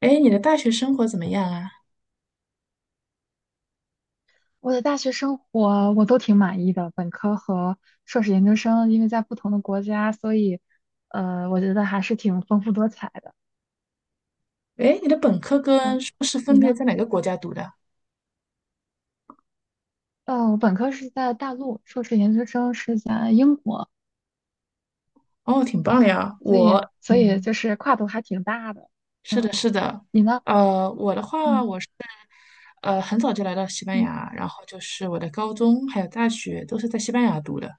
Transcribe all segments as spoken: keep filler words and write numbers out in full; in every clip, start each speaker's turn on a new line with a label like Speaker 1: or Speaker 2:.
Speaker 1: 哎，你的大学生活怎么样啊？
Speaker 2: 我的大学生活我都挺满意的，本科和硕士研究生，因为在不同的国家，所以呃，我觉得还是挺丰富多彩的。
Speaker 1: 哎，你的本科跟
Speaker 2: 嗯，
Speaker 1: 硕士分
Speaker 2: 你
Speaker 1: 别
Speaker 2: 呢？
Speaker 1: 在哪个国家读的？
Speaker 2: 呃，我本科是在大陆，硕士研究生是在英国，
Speaker 1: 哦，挺棒的呀。
Speaker 2: 所以
Speaker 1: 我，
Speaker 2: 所以
Speaker 1: 嗯，
Speaker 2: 就是跨度还挺大的。
Speaker 1: 是的，是的。
Speaker 2: 你呢？
Speaker 1: 呃，我的话，
Speaker 2: 嗯
Speaker 1: 我是呃很早就来到西班
Speaker 2: 嗯，
Speaker 1: 牙，然后就是我的高中还有大学都是在西班牙读的。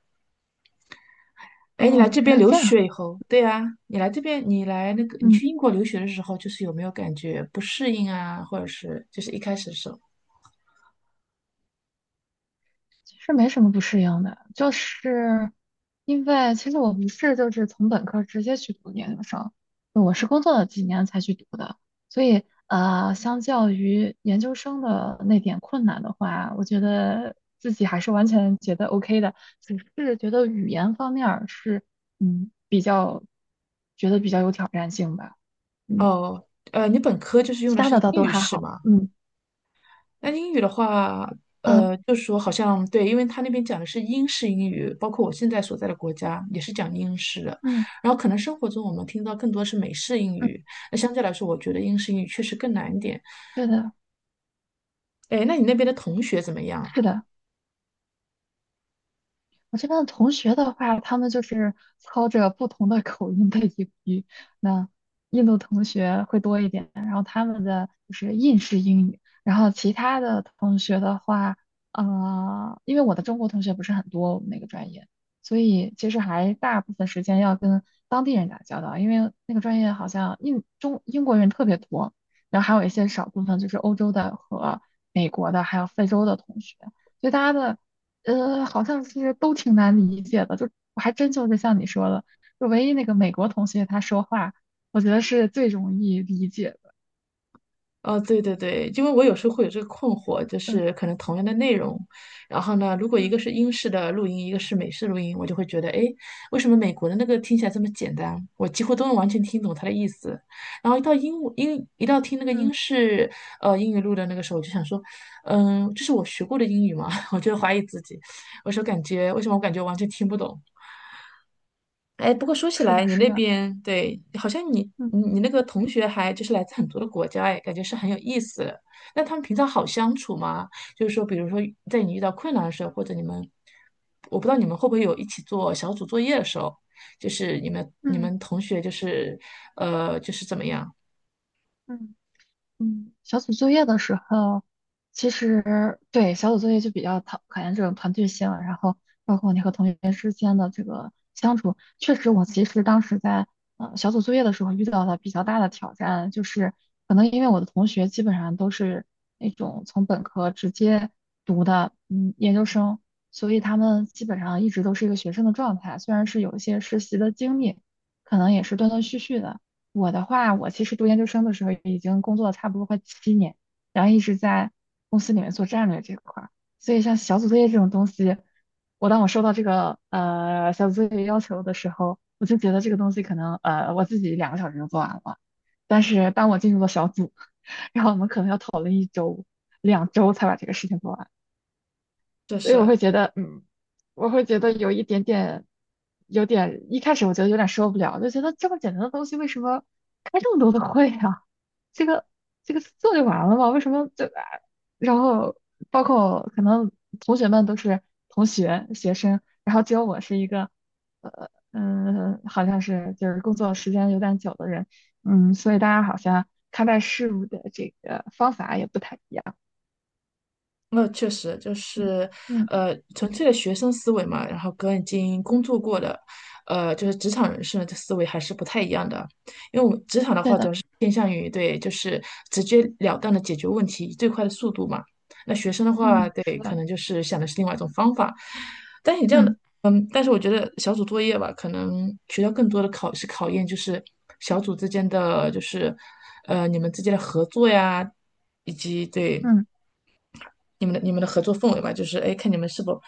Speaker 1: 哎，你来
Speaker 2: 哦，
Speaker 1: 这
Speaker 2: 原
Speaker 1: 边
Speaker 2: 来是
Speaker 1: 留
Speaker 2: 这样。
Speaker 1: 学以后，对啊，你来这边，你来那个，你
Speaker 2: 嗯。
Speaker 1: 去英国留学的时候，就是有没有感觉不适应啊，或者是就是一开始的时候？
Speaker 2: 是没什么不适应的，就是因为其实我不是就是从本科直接去读研究生，我是工作了几年才去读的，所以呃，相较于研究生的那点困难的话，我觉得自己还是完全觉得 OK 的，只是觉得语言方面儿是嗯比较觉得比较有挑战性吧，嗯，
Speaker 1: 哦，呃，你本科就是用
Speaker 2: 其
Speaker 1: 的
Speaker 2: 他
Speaker 1: 是
Speaker 2: 的倒
Speaker 1: 英
Speaker 2: 都
Speaker 1: 语
Speaker 2: 还
Speaker 1: 是
Speaker 2: 好，
Speaker 1: 吗？
Speaker 2: 嗯
Speaker 1: 那英语的话，
Speaker 2: 呃
Speaker 1: 呃，就是说好像对，因为他那边讲的是英式英语，包括我现在所在的国家也是讲英式的。
Speaker 2: 嗯
Speaker 1: 然后可能生活中我们听到更多是美式英
Speaker 2: 嗯，
Speaker 1: 语，那相对来说，我觉得英式英语确实更难一点。
Speaker 2: 对的，
Speaker 1: 哎，那你那边的同学怎么样啊？
Speaker 2: 是的。我这边的同学的话，他们就是操着不同的口音的英语。那印度同学会多一点，然后他们的就是印式英语。然后其他的同学的话，呃，因为我的中国同学不是很多，我们那个专业，所以其实还大部分时间要跟当地人打交道，因为那个专业好像印中英国人特别多，然后还有一些少部分就是欧洲的和美国的，还有非洲的同学。所以大家的呃，好像是都挺难理解的，就我还真就是像你说的，就唯一那个美国同学他说话，我觉得是最容易理解的。
Speaker 1: 哦，对对对，因为我有时候会有这个困惑，就
Speaker 2: 嗯
Speaker 1: 是可能同样的
Speaker 2: 嗯
Speaker 1: 内容，然后呢，如果一
Speaker 2: 嗯
Speaker 1: 个是英式的录音，一个是美式录音，我就会觉得，哎，为什么美国的那个听起来这么简单？我几乎都能完全听懂它的意思。然后一到英英一到听那个英
Speaker 2: 嗯，
Speaker 1: 式呃英语录的那个时候，我就想说，嗯，这是我学过的英语吗？我就怀疑自己，我说感觉为什么我感觉完全听不懂？哎，不过说起
Speaker 2: 是
Speaker 1: 来，
Speaker 2: 的，
Speaker 1: 你
Speaker 2: 是
Speaker 1: 那
Speaker 2: 的，
Speaker 1: 边对，好像你
Speaker 2: 嗯
Speaker 1: 你你那个同学还就是来自很多的国家，哎，感觉是很有意思的。那他们平常好相处吗？就是说，比如说在你遇到困难的时候，或者你们，我不知道你们会不会有一起做小组作业的时候，就是你们你
Speaker 2: 嗯
Speaker 1: 们同学就是呃就是怎么样？
Speaker 2: 嗯。嗯，小组作业的时候，其实对小组作业就比较讨考验这种团队性啊，然后包括你和同学之间的这个相处。确实，我其实当时在呃小组作业的时候遇到的比较大的挑战，就是可能因为我的同学基本上都是那种从本科直接读的嗯研究生，所以他们基本上一直都是一个学生的状态，虽然是有一些实习的经历，可能也是断断续续的。我的话，我其实读研究生的时候已经工作了差不多快七年，然后一直在公司里面做战略这块儿，所以像小组作业这种东西，我当我收到这个呃小组作业要求的时候，我就觉得这个东西可能呃我自己两个小时就做完了，但是当我进入了小组，然后我们可能要讨论一周、两周才把这个事情做完。
Speaker 1: 这
Speaker 2: 所以我
Speaker 1: 是。
Speaker 2: 会觉得，嗯，我会觉得有一点点，有点，一开始我觉得有点受不了，就觉得这么简单的东西为什么开这么多的会啊？这个这个做就完了嘛？为什么就啊？然后包括可能同学们都是同学学生，然后只有我是一个，呃嗯，好像是就是工作时间有点久的人，嗯，所以大家好像看待事物的这个方法也不太一样，
Speaker 1: 那确实就
Speaker 2: 嗯
Speaker 1: 是，
Speaker 2: 嗯，
Speaker 1: 呃，纯粹的学生思维嘛，然后跟已经工作过的，呃，就是职场人士的这思维还是不太一样的。因为我们职场的
Speaker 2: 对
Speaker 1: 话，主
Speaker 2: 的，
Speaker 1: 要是偏向于对，就是直截了当的解决问题，以最快的速度嘛。那学生的话，
Speaker 2: 嗯，是
Speaker 1: 对，可
Speaker 2: 的。
Speaker 1: 能就是想的是另外一种方法。但你这样
Speaker 2: 嗯。
Speaker 1: 的，嗯，但是我觉得小组作业吧，可能学校更多的考是考验就是小组之间的，就是，呃，你们之间的合作呀，以及对。
Speaker 2: 嗯，
Speaker 1: 你们的你们的合作氛围嘛，就是哎，看你们是否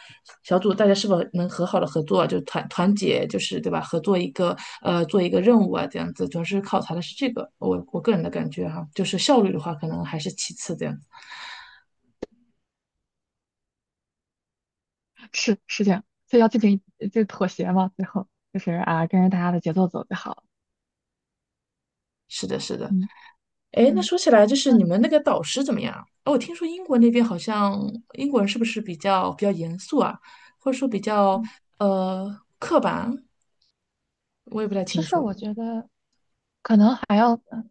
Speaker 1: 小组大家是否能和好的合作，就团团结，就是对吧？合作一个呃，做一个任务啊，这样子，主要是考察的是这个，我我个人的感觉哈、就是效率的话，可能还是其次这样子。
Speaker 2: 是是这样，所以要进行就妥协嘛，最后就是啊，跟着大家的节奏走就好了。
Speaker 1: 是的，是的。
Speaker 2: 嗯
Speaker 1: 哎，那
Speaker 2: 嗯
Speaker 1: 说起来，就是
Speaker 2: 嗯
Speaker 1: 你们那个导师怎么样啊？哦，我听说英国那边好像英国人是不是比较比较严肃啊，或者说比较
Speaker 2: 嗯，
Speaker 1: 呃刻板？我也不太
Speaker 2: 其
Speaker 1: 清
Speaker 2: 实
Speaker 1: 楚。
Speaker 2: 我觉得可能还要，嗯，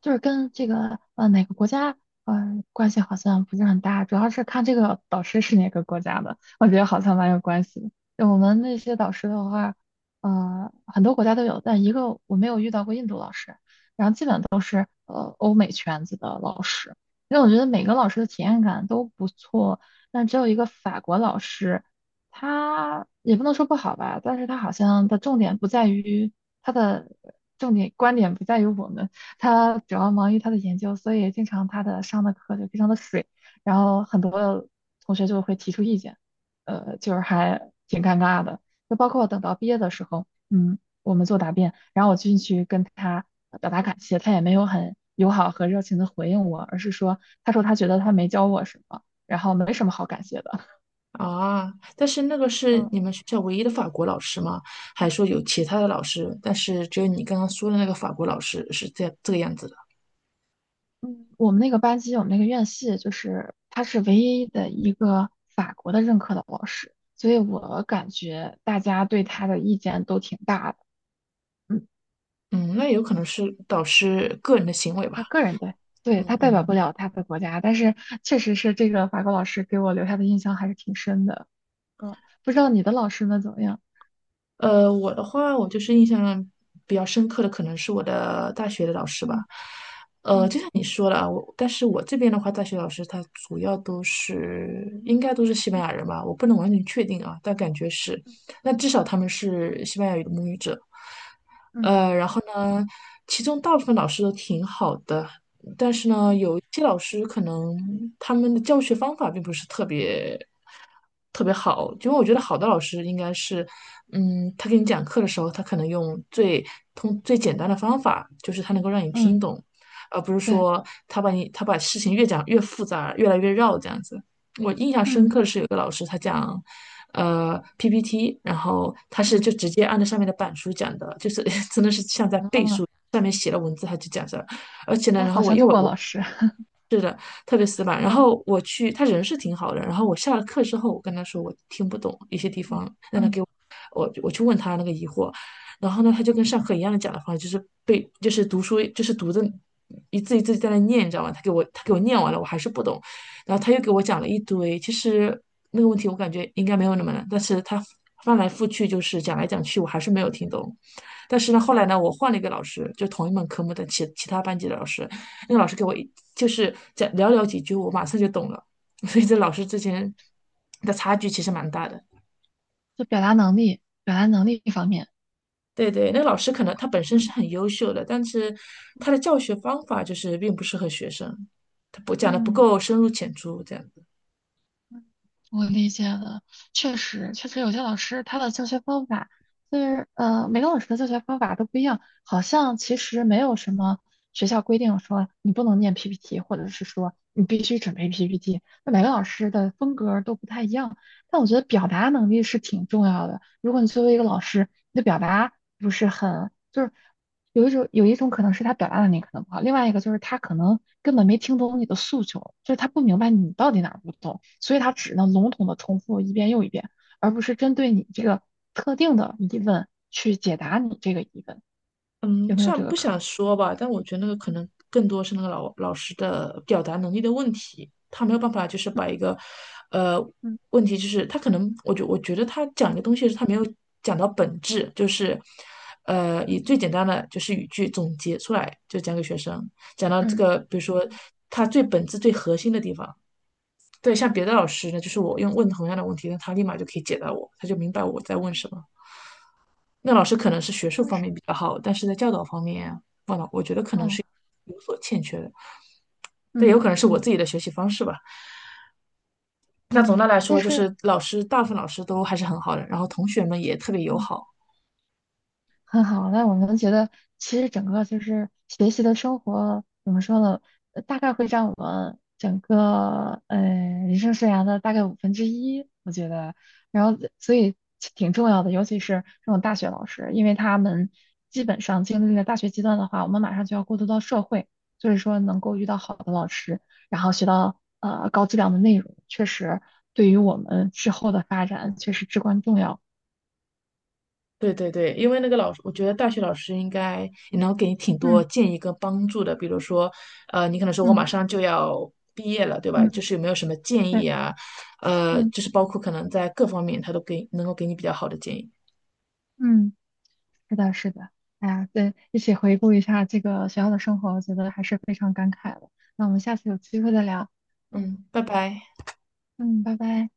Speaker 2: 就是跟这个呃哪个国家呃关系好像不是很大，主要是看这个导师是哪个国家的，我觉得好像蛮有关系的。就我们那些导师的话，呃，很多国家都有，但一个我没有遇到过印度老师。呃欧美圈子的老师，因为我觉得每个老师的体验感都不错，但只有一个法国老师，他也不能说不好吧，但是他好像的重点不在于他的重点观点不在于我们，他主要忙于他的研究，所以经常他的上的课就非常的水，然后很多同学就会提出意见，呃，就是还挺尴尬的，就包括等到毕业的时候，嗯。我们做答辩，然后我进去跟他表达感谢，他也没有很友好和热情的回应我，而是说，他说他觉得他没教我什么，然后没什么好感谢的。
Speaker 1: 啊，但是那个是
Speaker 2: 嗯
Speaker 1: 你们学校唯一的法国老师吗？还是说有其他的老师？但是只有你刚刚说的那个法国老师是这这个样子的。
Speaker 2: 嗯，我们那个班级，我们那个院系，就是他是唯一的一个法国的任课的老师，所以我感觉大家对他的意见都挺大的。嗯，
Speaker 1: 嗯，那有可能是导师个人的行为
Speaker 2: 他
Speaker 1: 吧。
Speaker 2: 个人的，对，
Speaker 1: 嗯
Speaker 2: 他代表
Speaker 1: 嗯。
Speaker 2: 不了他的国家，但是确实是这个法国老师给我留下的印象还是挺深的。嗯，不知道你的老师们怎么样？
Speaker 1: 呃，我的话，我就是印象比较深刻的，可能是我的大学的老师吧。
Speaker 2: 嗯
Speaker 1: 呃，
Speaker 2: 嗯。
Speaker 1: 就像你说了啊，我，但是我这边的话，大学老师他主要都是应该都是西班
Speaker 2: 嗯
Speaker 1: 牙人吧，我不能完全确定啊，但感觉是，那至少他们是西班牙语的母语者。
Speaker 2: 嗯
Speaker 1: 呃，然后呢，其中大部分老师都挺好的，但是呢，
Speaker 2: 嗯
Speaker 1: 有一些老师可能他们的教学方法并不是特别特别
Speaker 2: 嗯
Speaker 1: 好，因为我觉得好的老师应该是，嗯，他给你讲课的时候，他可能用最通最简单的方法，就是他能够让你听
Speaker 2: 嗯，
Speaker 1: 懂，而不是
Speaker 2: 对，
Speaker 1: 说他把你他把事情越讲越复杂，越来越绕这样子。我印象深刻
Speaker 2: 嗯
Speaker 1: 的是有一个老师他讲。呃，P P T，然后他是
Speaker 2: 嗯，
Speaker 1: 就直接按照上面的板书讲的，就是 真的是像在背
Speaker 2: 哦，
Speaker 1: 书，上面写了文字他就讲着。而且呢，
Speaker 2: 那
Speaker 1: 然后
Speaker 2: 好
Speaker 1: 我
Speaker 2: 像
Speaker 1: 因为
Speaker 2: 中
Speaker 1: 我
Speaker 2: 国
Speaker 1: 我
Speaker 2: 老师，
Speaker 1: 是的特别死板，然
Speaker 2: 嗯
Speaker 1: 后我去他人是挺好的，然后我下了课之后，我跟他说我听不懂一些地
Speaker 2: 嗯
Speaker 1: 方，让他
Speaker 2: 嗯
Speaker 1: 给我我我去问他那个疑惑，然后呢，他就跟
Speaker 2: 嗯
Speaker 1: 上课一样的讲的方式，就是背就是读书就是读的一字一字在那念，你知道吗？他给我他给我念完了，我还是不懂，然后他又给我讲了一堆，其实那个问题我感觉应该没有那么难，但是他翻来覆去就是讲来讲去，我还是没有听懂。但是呢，后来
Speaker 2: 嗯，
Speaker 1: 呢，我换了一个老师，就同一门科目的其其他班级的老师，那个老师给我一就是讲寥寥几句，我马上就懂了。所以这老师之前的差距其实蛮大的。
Speaker 2: 就表达能力，表达能力方面，
Speaker 1: 对对，那个老师可能他本身是
Speaker 2: 嗯
Speaker 1: 很优秀的，但是他的教学方法就是并不适合学生，他不讲的不
Speaker 2: 嗯。
Speaker 1: 够深入浅出，这样。
Speaker 2: 我理解了，确实，确实有些老师他的教学方法，就是呃，每个老师的教学方法都不一样，好像其实没有什么学校规定说你不能念 P P T，或者是说你必须准备 P P T，那每个老师的风格都不太一样。但我觉得表达能力是挺重要的，如果你作为一个老师，你的表达不是很，就是。有一种有一种可能是他表达能力可能不好，另外一个就是他可能根本没听懂你的诉求，就是他不明白你到底哪儿不懂，所以他只能笼统的重复一遍又一遍，而不是针对你这个特定的疑问去解答你这个疑问，
Speaker 1: 嗯，
Speaker 2: 有没有
Speaker 1: 虽
Speaker 2: 这
Speaker 1: 然
Speaker 2: 个
Speaker 1: 不
Speaker 2: 可
Speaker 1: 想说吧，但我觉得那个可能更多是那个老老师的表达能力的问题，他没有办法就是把一个，呃，
Speaker 2: 能？
Speaker 1: 问题就是他可能，我觉我觉得他讲一
Speaker 2: 嗯
Speaker 1: 个东西是他没有讲到本质，就是，呃，以最
Speaker 2: 嗯
Speaker 1: 简单的就是语句总结出来，就讲给学生，讲到这
Speaker 2: 嗯嗯
Speaker 1: 个，比如说
Speaker 2: 嗯
Speaker 1: 他最本质最核心的地方。对，像别的老师呢，就是我用问同样的问题，那他立马就可以解答我，他就明白我在问
Speaker 2: 嗯，
Speaker 1: 什么。那老师可能是学术
Speaker 2: 但
Speaker 1: 方
Speaker 2: 是，
Speaker 1: 面比较好，但是在教导方面，忘了，我觉得可能
Speaker 2: 哦
Speaker 1: 是有所欠缺的。这也
Speaker 2: 嗯
Speaker 1: 有可能是我
Speaker 2: 嗯
Speaker 1: 自己的学习方式吧。那总
Speaker 2: 嗯
Speaker 1: 的来
Speaker 2: 但
Speaker 1: 说，就
Speaker 2: 是。
Speaker 1: 是老师，大部分老师都还是很好的，然后同学们也特别友
Speaker 2: 嗯。
Speaker 1: 好。
Speaker 2: 很好，那我们觉得其实整个就是学习的生活怎么说呢？呃大概会占我们整个呃人生生涯的大概五分之一，我觉得。然后所以其挺重要的，尤其是这种大学老师，因为他们基本上经历了大学阶段的话，我们马上就要过渡到社会，所以说能够遇到好的老师，然后学到呃高质量的内容，确实对于我们之后的发展确实至关重要。
Speaker 1: 对对对，因为那个老师，我觉得大学老师应该也能给你挺多
Speaker 2: 嗯
Speaker 1: 建议跟帮助的。比如说，呃，你可能说我马
Speaker 2: 嗯
Speaker 1: 上就要毕业了，对吧？就
Speaker 2: 嗯，
Speaker 1: 是有没有什么建
Speaker 2: 对。
Speaker 1: 议啊？呃，
Speaker 2: 嗯。
Speaker 1: 就是包括可能在各方面，他都给能够给你比较好的建议。
Speaker 2: 嗯，是的，是的，哎呀，对，一起回顾一下这个学校的生活，我觉得还是非常感慨的。那我们下次有机会再聊，
Speaker 1: 嗯，拜拜。
Speaker 2: 嗯，拜拜。